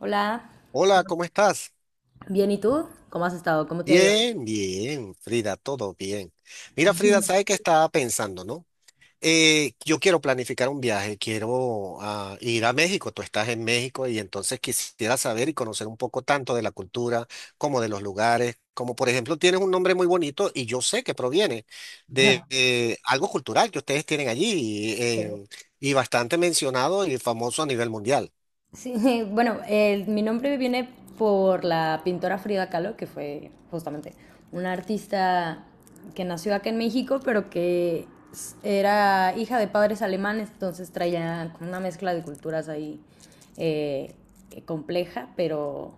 Hola, Hola, ¿cómo estás? bien, ¿y tú? ¿Cómo has estado? ¿Cómo te ha ido? Bien, bien, Frida, todo bien. Mira, Frida, ¿sabes qué estaba pensando, no? Yo quiero planificar un viaje, quiero ir a México, tú estás en México y entonces quisiera saber y conocer un poco tanto de la cultura como de los lugares, como por ejemplo tienes un nombre muy bonito y yo sé que proviene de algo cultural que ustedes tienen allí y bastante mencionado y famoso a nivel mundial. Sí, bueno, mi nombre viene por la pintora Frida Kahlo, que fue justamente una artista que nació acá en México, pero que era hija de padres alemanes, entonces traía como una mezcla de culturas ahí eh, compleja, pero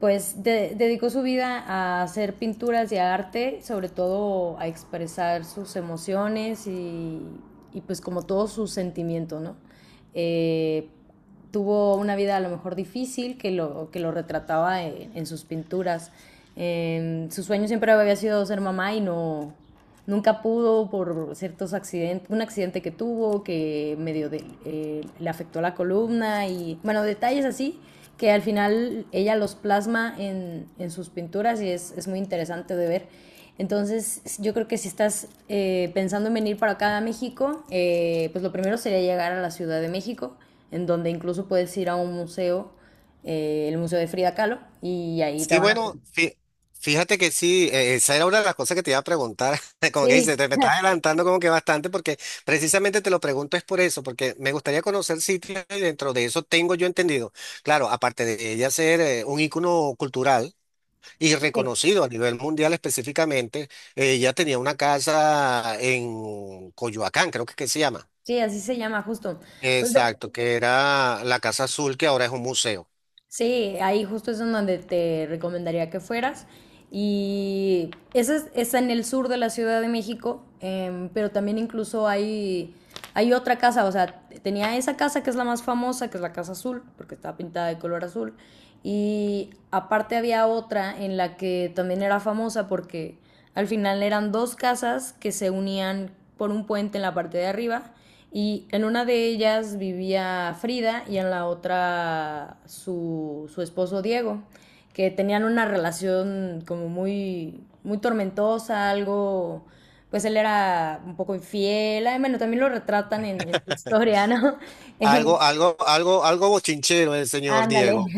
pues dedicó su vida a hacer pinturas y a arte, sobre todo a expresar sus emociones y pues como todo su sentimiento, ¿no? Eh, Tuvo una vida a lo mejor difícil que lo retrataba en sus pinturas. Su sueño siempre había sido ser mamá y no, nunca pudo por ciertos accidentes, un accidente que tuvo que medio de, le afectó la columna y bueno, detalles así que al final ella los plasma en sus pinturas y muy interesante de ver. Entonces yo creo que si estás pensando en venir para acá a México, pues lo primero sería llegar a la Ciudad de México, en donde incluso puedes ir a un museo, el Museo de Frida Kahlo, y ahí te Sí, van a... bueno, fíjate que sí, esa era una de las cosas que te iba a preguntar, como que Sí, dices, te me estás adelantando como que bastante porque precisamente te lo pregunto es por eso, porque me gustaría conocer sitios y dentro de eso tengo yo entendido, claro, aparte de ella ser un ícono cultural y sí, reconocido a nivel mundial específicamente, ella tenía una casa en Coyoacán, creo que, se llama. sí, así se llama justo. Pues ve- Exacto, que era la Casa Azul, que ahora es un museo. Sí, ahí justo es en donde te recomendaría que fueras. Y está en el sur de la Ciudad de México, pero también hay otra casa, o sea, tenía esa casa que es la más famosa, que es la Casa Azul, porque estaba pintada de color azul. Y aparte había otra en la que también era famosa porque al final eran dos casas que se unían por un puente en la parte de arriba, y en una de ellas vivía Frida y en la otra su esposo Diego, que tenían una relación como muy, muy tormentosa, algo, pues él era un poco infiel, ay, bueno, también lo retratan en su historia, ¿no? Eh, Algo, algo, algo, algo bochinchero el señor Ándale. Diego.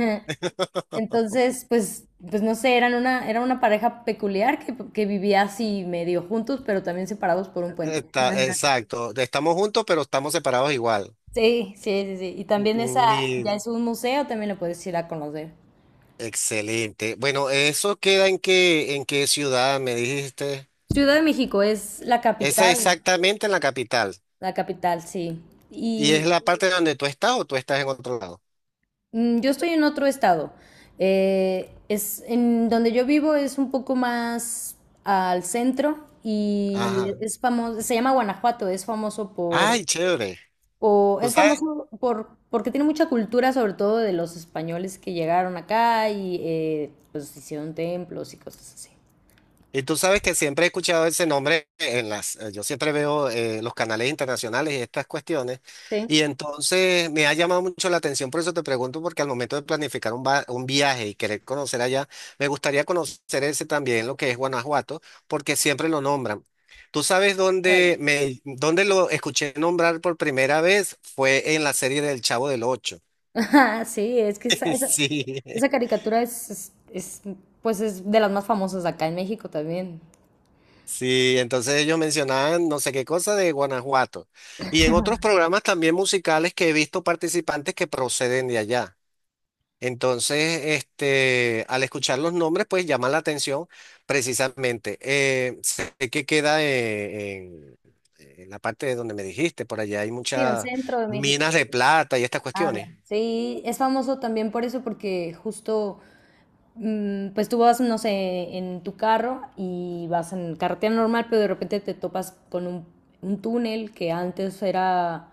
Entonces, pues, pues no sé, era una pareja peculiar que vivía así medio juntos, pero también separados por un puente. Está, exacto, estamos juntos, pero estamos separados igual. Sí, sí, sí, sí. Y también esa Mm, ya Mi, es un museo, también lo puedes ir a conocer. Excelente. Bueno, ¿eso queda en qué ciudad me dijiste? Ciudad de México es Esa exactamente en la capital. la capital, sí. ¿Y es Y la parte donde tú estás o tú estás en otro lado? Yo estoy en otro estado. Es en donde yo vivo es un poco más al centro y Ajá. es famoso, se llama Guanajuato, es famoso por Ay, chévere. o ¿Tú es sabes? famoso por, porque tiene mucha cultura, sobre todo de los españoles que llegaron acá y pues hicieron templos y cosas así. Y tú sabes que siempre he escuchado ese nombre en las, yo siempre veo los canales internacionales y estas cuestiones, Sí. y entonces me ha llamado mucho la atención, por eso te pregunto, porque al momento de planificar un viaje y querer conocer allá, me gustaría conocer ese también, lo que es Guanajuato, porque siempre lo nombran. Tú sabes Bueno. Dónde lo escuché nombrar por primera vez fue en la serie del Chavo del Ocho. Ajá, sí, es que Sí. esa caricatura es, pues es de las más famosas acá en México también. Sí, entonces ellos mencionaban no sé qué cosa de Guanajuato. Y en otros programas también musicales que he visto participantes que proceden de allá. Entonces, este, al escuchar los nombres, pues llama la atención precisamente. Sé que queda en la parte de donde me dijiste, por allá hay Sí, en el muchas centro de México. minas de plata y estas Anda. cuestiones. Sí, es famoso también por eso, porque justo pues tú vas, no sé, en tu carro y vas en carretera normal, pero de repente te topas con un túnel que antes era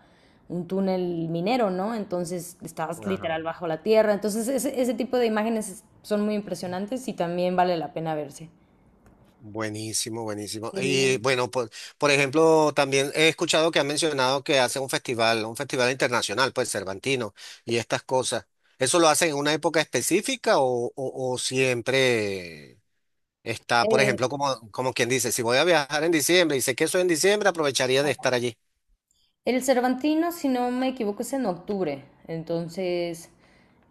un túnel minero, ¿no? Entonces estabas Ajá. literal bajo la tierra. Entonces ese tipo de imágenes son muy impresionantes y también vale la pena verse. Buenísimo, buenísimo. Y Sí. bueno, por ejemplo, también he escuchado que han mencionado que hacen un festival internacional, pues Cervantino, y estas cosas. ¿Eso lo hacen en una época específica o siempre está, por Eh, ejemplo, como quien dice, si voy a viajar en diciembre y sé que eso es en diciembre, aprovecharía de estar allí? El Cervantino, si no me equivoco, es en octubre. Entonces,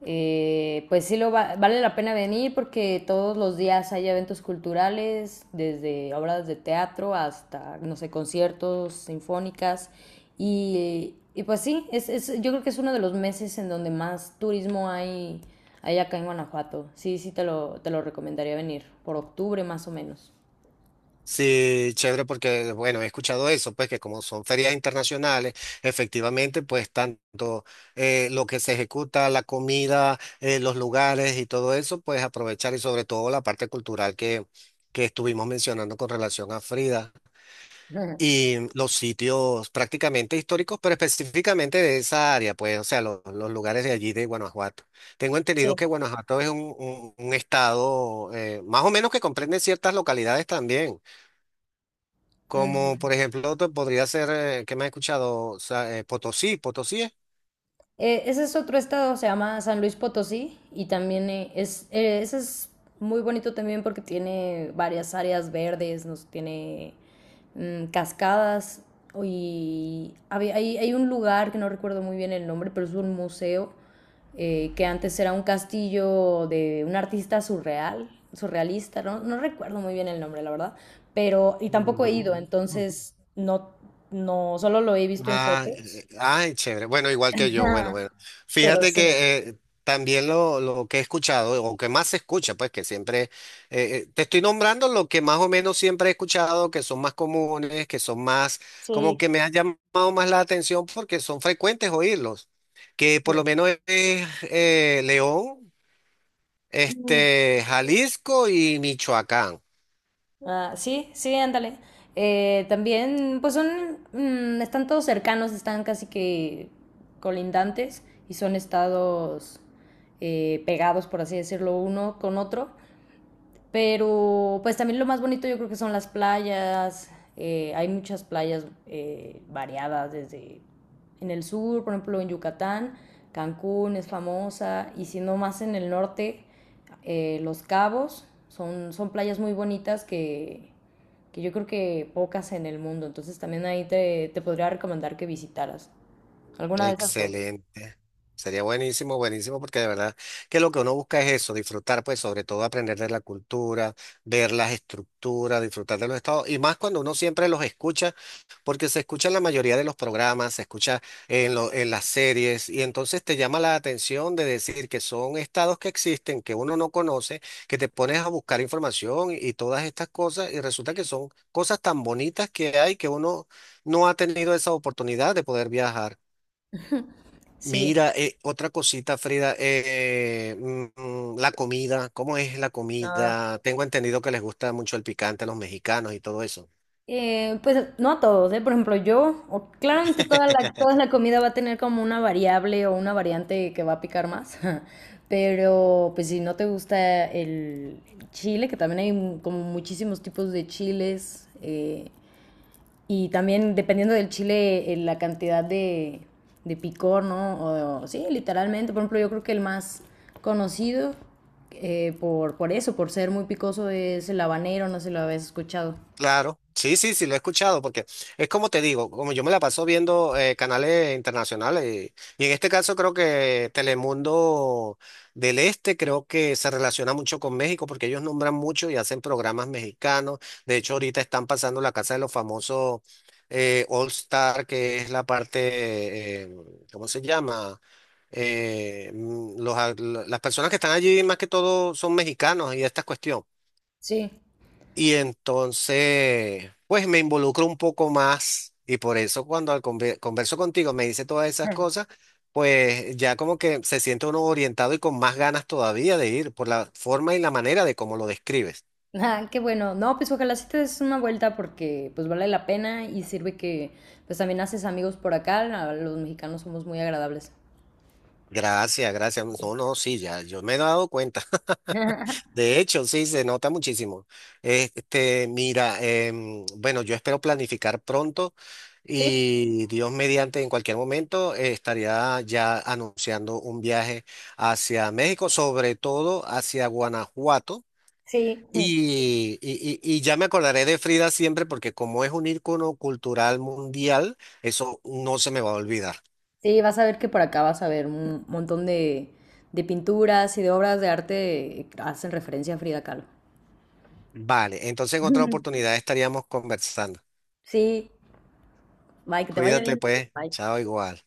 pues sí vale la pena venir porque todos los días hay eventos culturales, desde obras de teatro hasta, no sé, conciertos, sinfónicas. Y pues sí, yo creo que es uno de los meses en donde más turismo hay acá en Guanajuato. Sí, te lo recomendaría venir, por octubre más o menos. Sí, chévere, porque bueno, he escuchado eso, pues que como son ferias internacionales, efectivamente, pues tanto lo que se ejecuta, la comida, los lugares y todo eso, pues aprovechar y sobre todo la parte cultural que, estuvimos mencionando con relación a Frida Ujú. y los sitios prácticamente históricos, pero específicamente de esa área, pues, o sea, los lugares de allí de Guanajuato. Tengo Sí. entendido que Guanajuato es un, un estado más o menos que comprende ciertas localidades también. Como por Mm. ejemplo, otro podría ser, ¿que me has escuchado? O Potosí, Potosí es. Ese es otro estado, se llama San Luis Potosí y también ese es muy bonito también porque tiene varias áreas verdes, nos tiene cascadas y hay un lugar que no recuerdo muy bien el nombre, pero es un museo que antes era un castillo de un artista surrealista, no, no recuerdo muy bien el nombre, la verdad, pero y tampoco he Mm, ido, mm. entonces no, solo lo he visto en Ah, fotos. Ay, chévere. Bueno, igual que yo. Bueno, bueno. Pero Fíjate sí. que también lo que he escuchado, o que más se escucha, pues que siempre, te estoy nombrando lo que más o menos siempre he escuchado, que son más comunes, que son más, como Sí. que me han llamado más la atención porque son frecuentes oírlos. Que por Sí, lo menos es León. mm. Este, Jalisco y Michoacán. Ah, sí, sí, ándale. También, pues están todos cercanos, están casi que colindantes y son estados pegados, por así decirlo, uno con otro. Pero pues también lo más bonito yo creo que son las playas. Hay muchas playas variadas desde en el sur, por ejemplo en Yucatán, Cancún es famosa, y siendo más en el norte, Los Cabos son playas muy bonitas que yo creo que pocas en el mundo. Entonces también te podría recomendar que visitaras alguna de esas dos. Excelente. Sería buenísimo, buenísimo, porque de verdad que lo que uno busca es eso, disfrutar, pues sobre todo aprender de la cultura, ver las estructuras, disfrutar de los estados, y más cuando uno siempre los escucha, porque se escucha en la mayoría de los programas, se escucha en las series, y entonces te llama la atención de decir que son estados que existen, que uno no conoce, que te pones a buscar información y todas estas cosas, y resulta que son cosas tan bonitas que hay que uno no ha tenido esa oportunidad de poder viajar. Sí. Mira, otra cosita, Frida, la comida, ¿cómo es la comida? Tengo entendido que les gusta mucho el picante a los mexicanos y todo eso. Pues no a todos, ¿eh? Por ejemplo, claramente toda la comida va a tener como una variable o una variante que va a picar más, pero pues si no te gusta el chile, que también hay como muchísimos tipos de chiles, y también dependiendo del chile, la cantidad de picor, ¿no? O, sí, literalmente, por ejemplo, yo creo que el más conocido por eso, por ser muy picoso, es el habanero, no sé si lo habéis escuchado. Claro, sí, sí, sí, lo he escuchado, porque es como te digo, como yo me la paso viendo canales internacionales, y, en este caso creo que Telemundo del Este creo que se relaciona mucho con México, porque ellos nombran mucho y hacen programas mexicanos. De hecho, ahorita están pasando la Casa de los Famosos All Star, que es la parte, ¿cómo se llama? Las personas que están allí más que todo son mexicanos y esta cuestión. Sí. Y entonces, pues me involucro un poco más y por eso cuando converso contigo me dice todas esas cosas, pues ya como que se siente uno orientado y con más ganas todavía de ir por la forma y la manera de cómo lo describes. Ah, qué bueno. No, pues ojalá sí te des una vuelta porque pues vale la pena y sirve que pues también haces amigos por acá. Los mexicanos somos muy agradables. Gracias, gracias. No, no, sí, ya yo me he dado cuenta. De hecho, sí, se nota muchísimo. Este, mira, bueno, yo espero planificar pronto Sí, y Dios mediante, en cualquier momento, estaría ya anunciando un viaje hacia México, sobre todo hacia Guanajuato. sí. Y ya me acordaré de Frida siempre porque como es un ícono cultural mundial, eso no se me va a olvidar. Sí, vas a ver que por acá vas a ver un montón de pinturas y de obras de arte que hacen referencia a Frida Kahlo. Vale, entonces en otra oportunidad estaríamos conversando. Sí, bye, que te vaya Cuídate bien. pues, Bye. chao igual.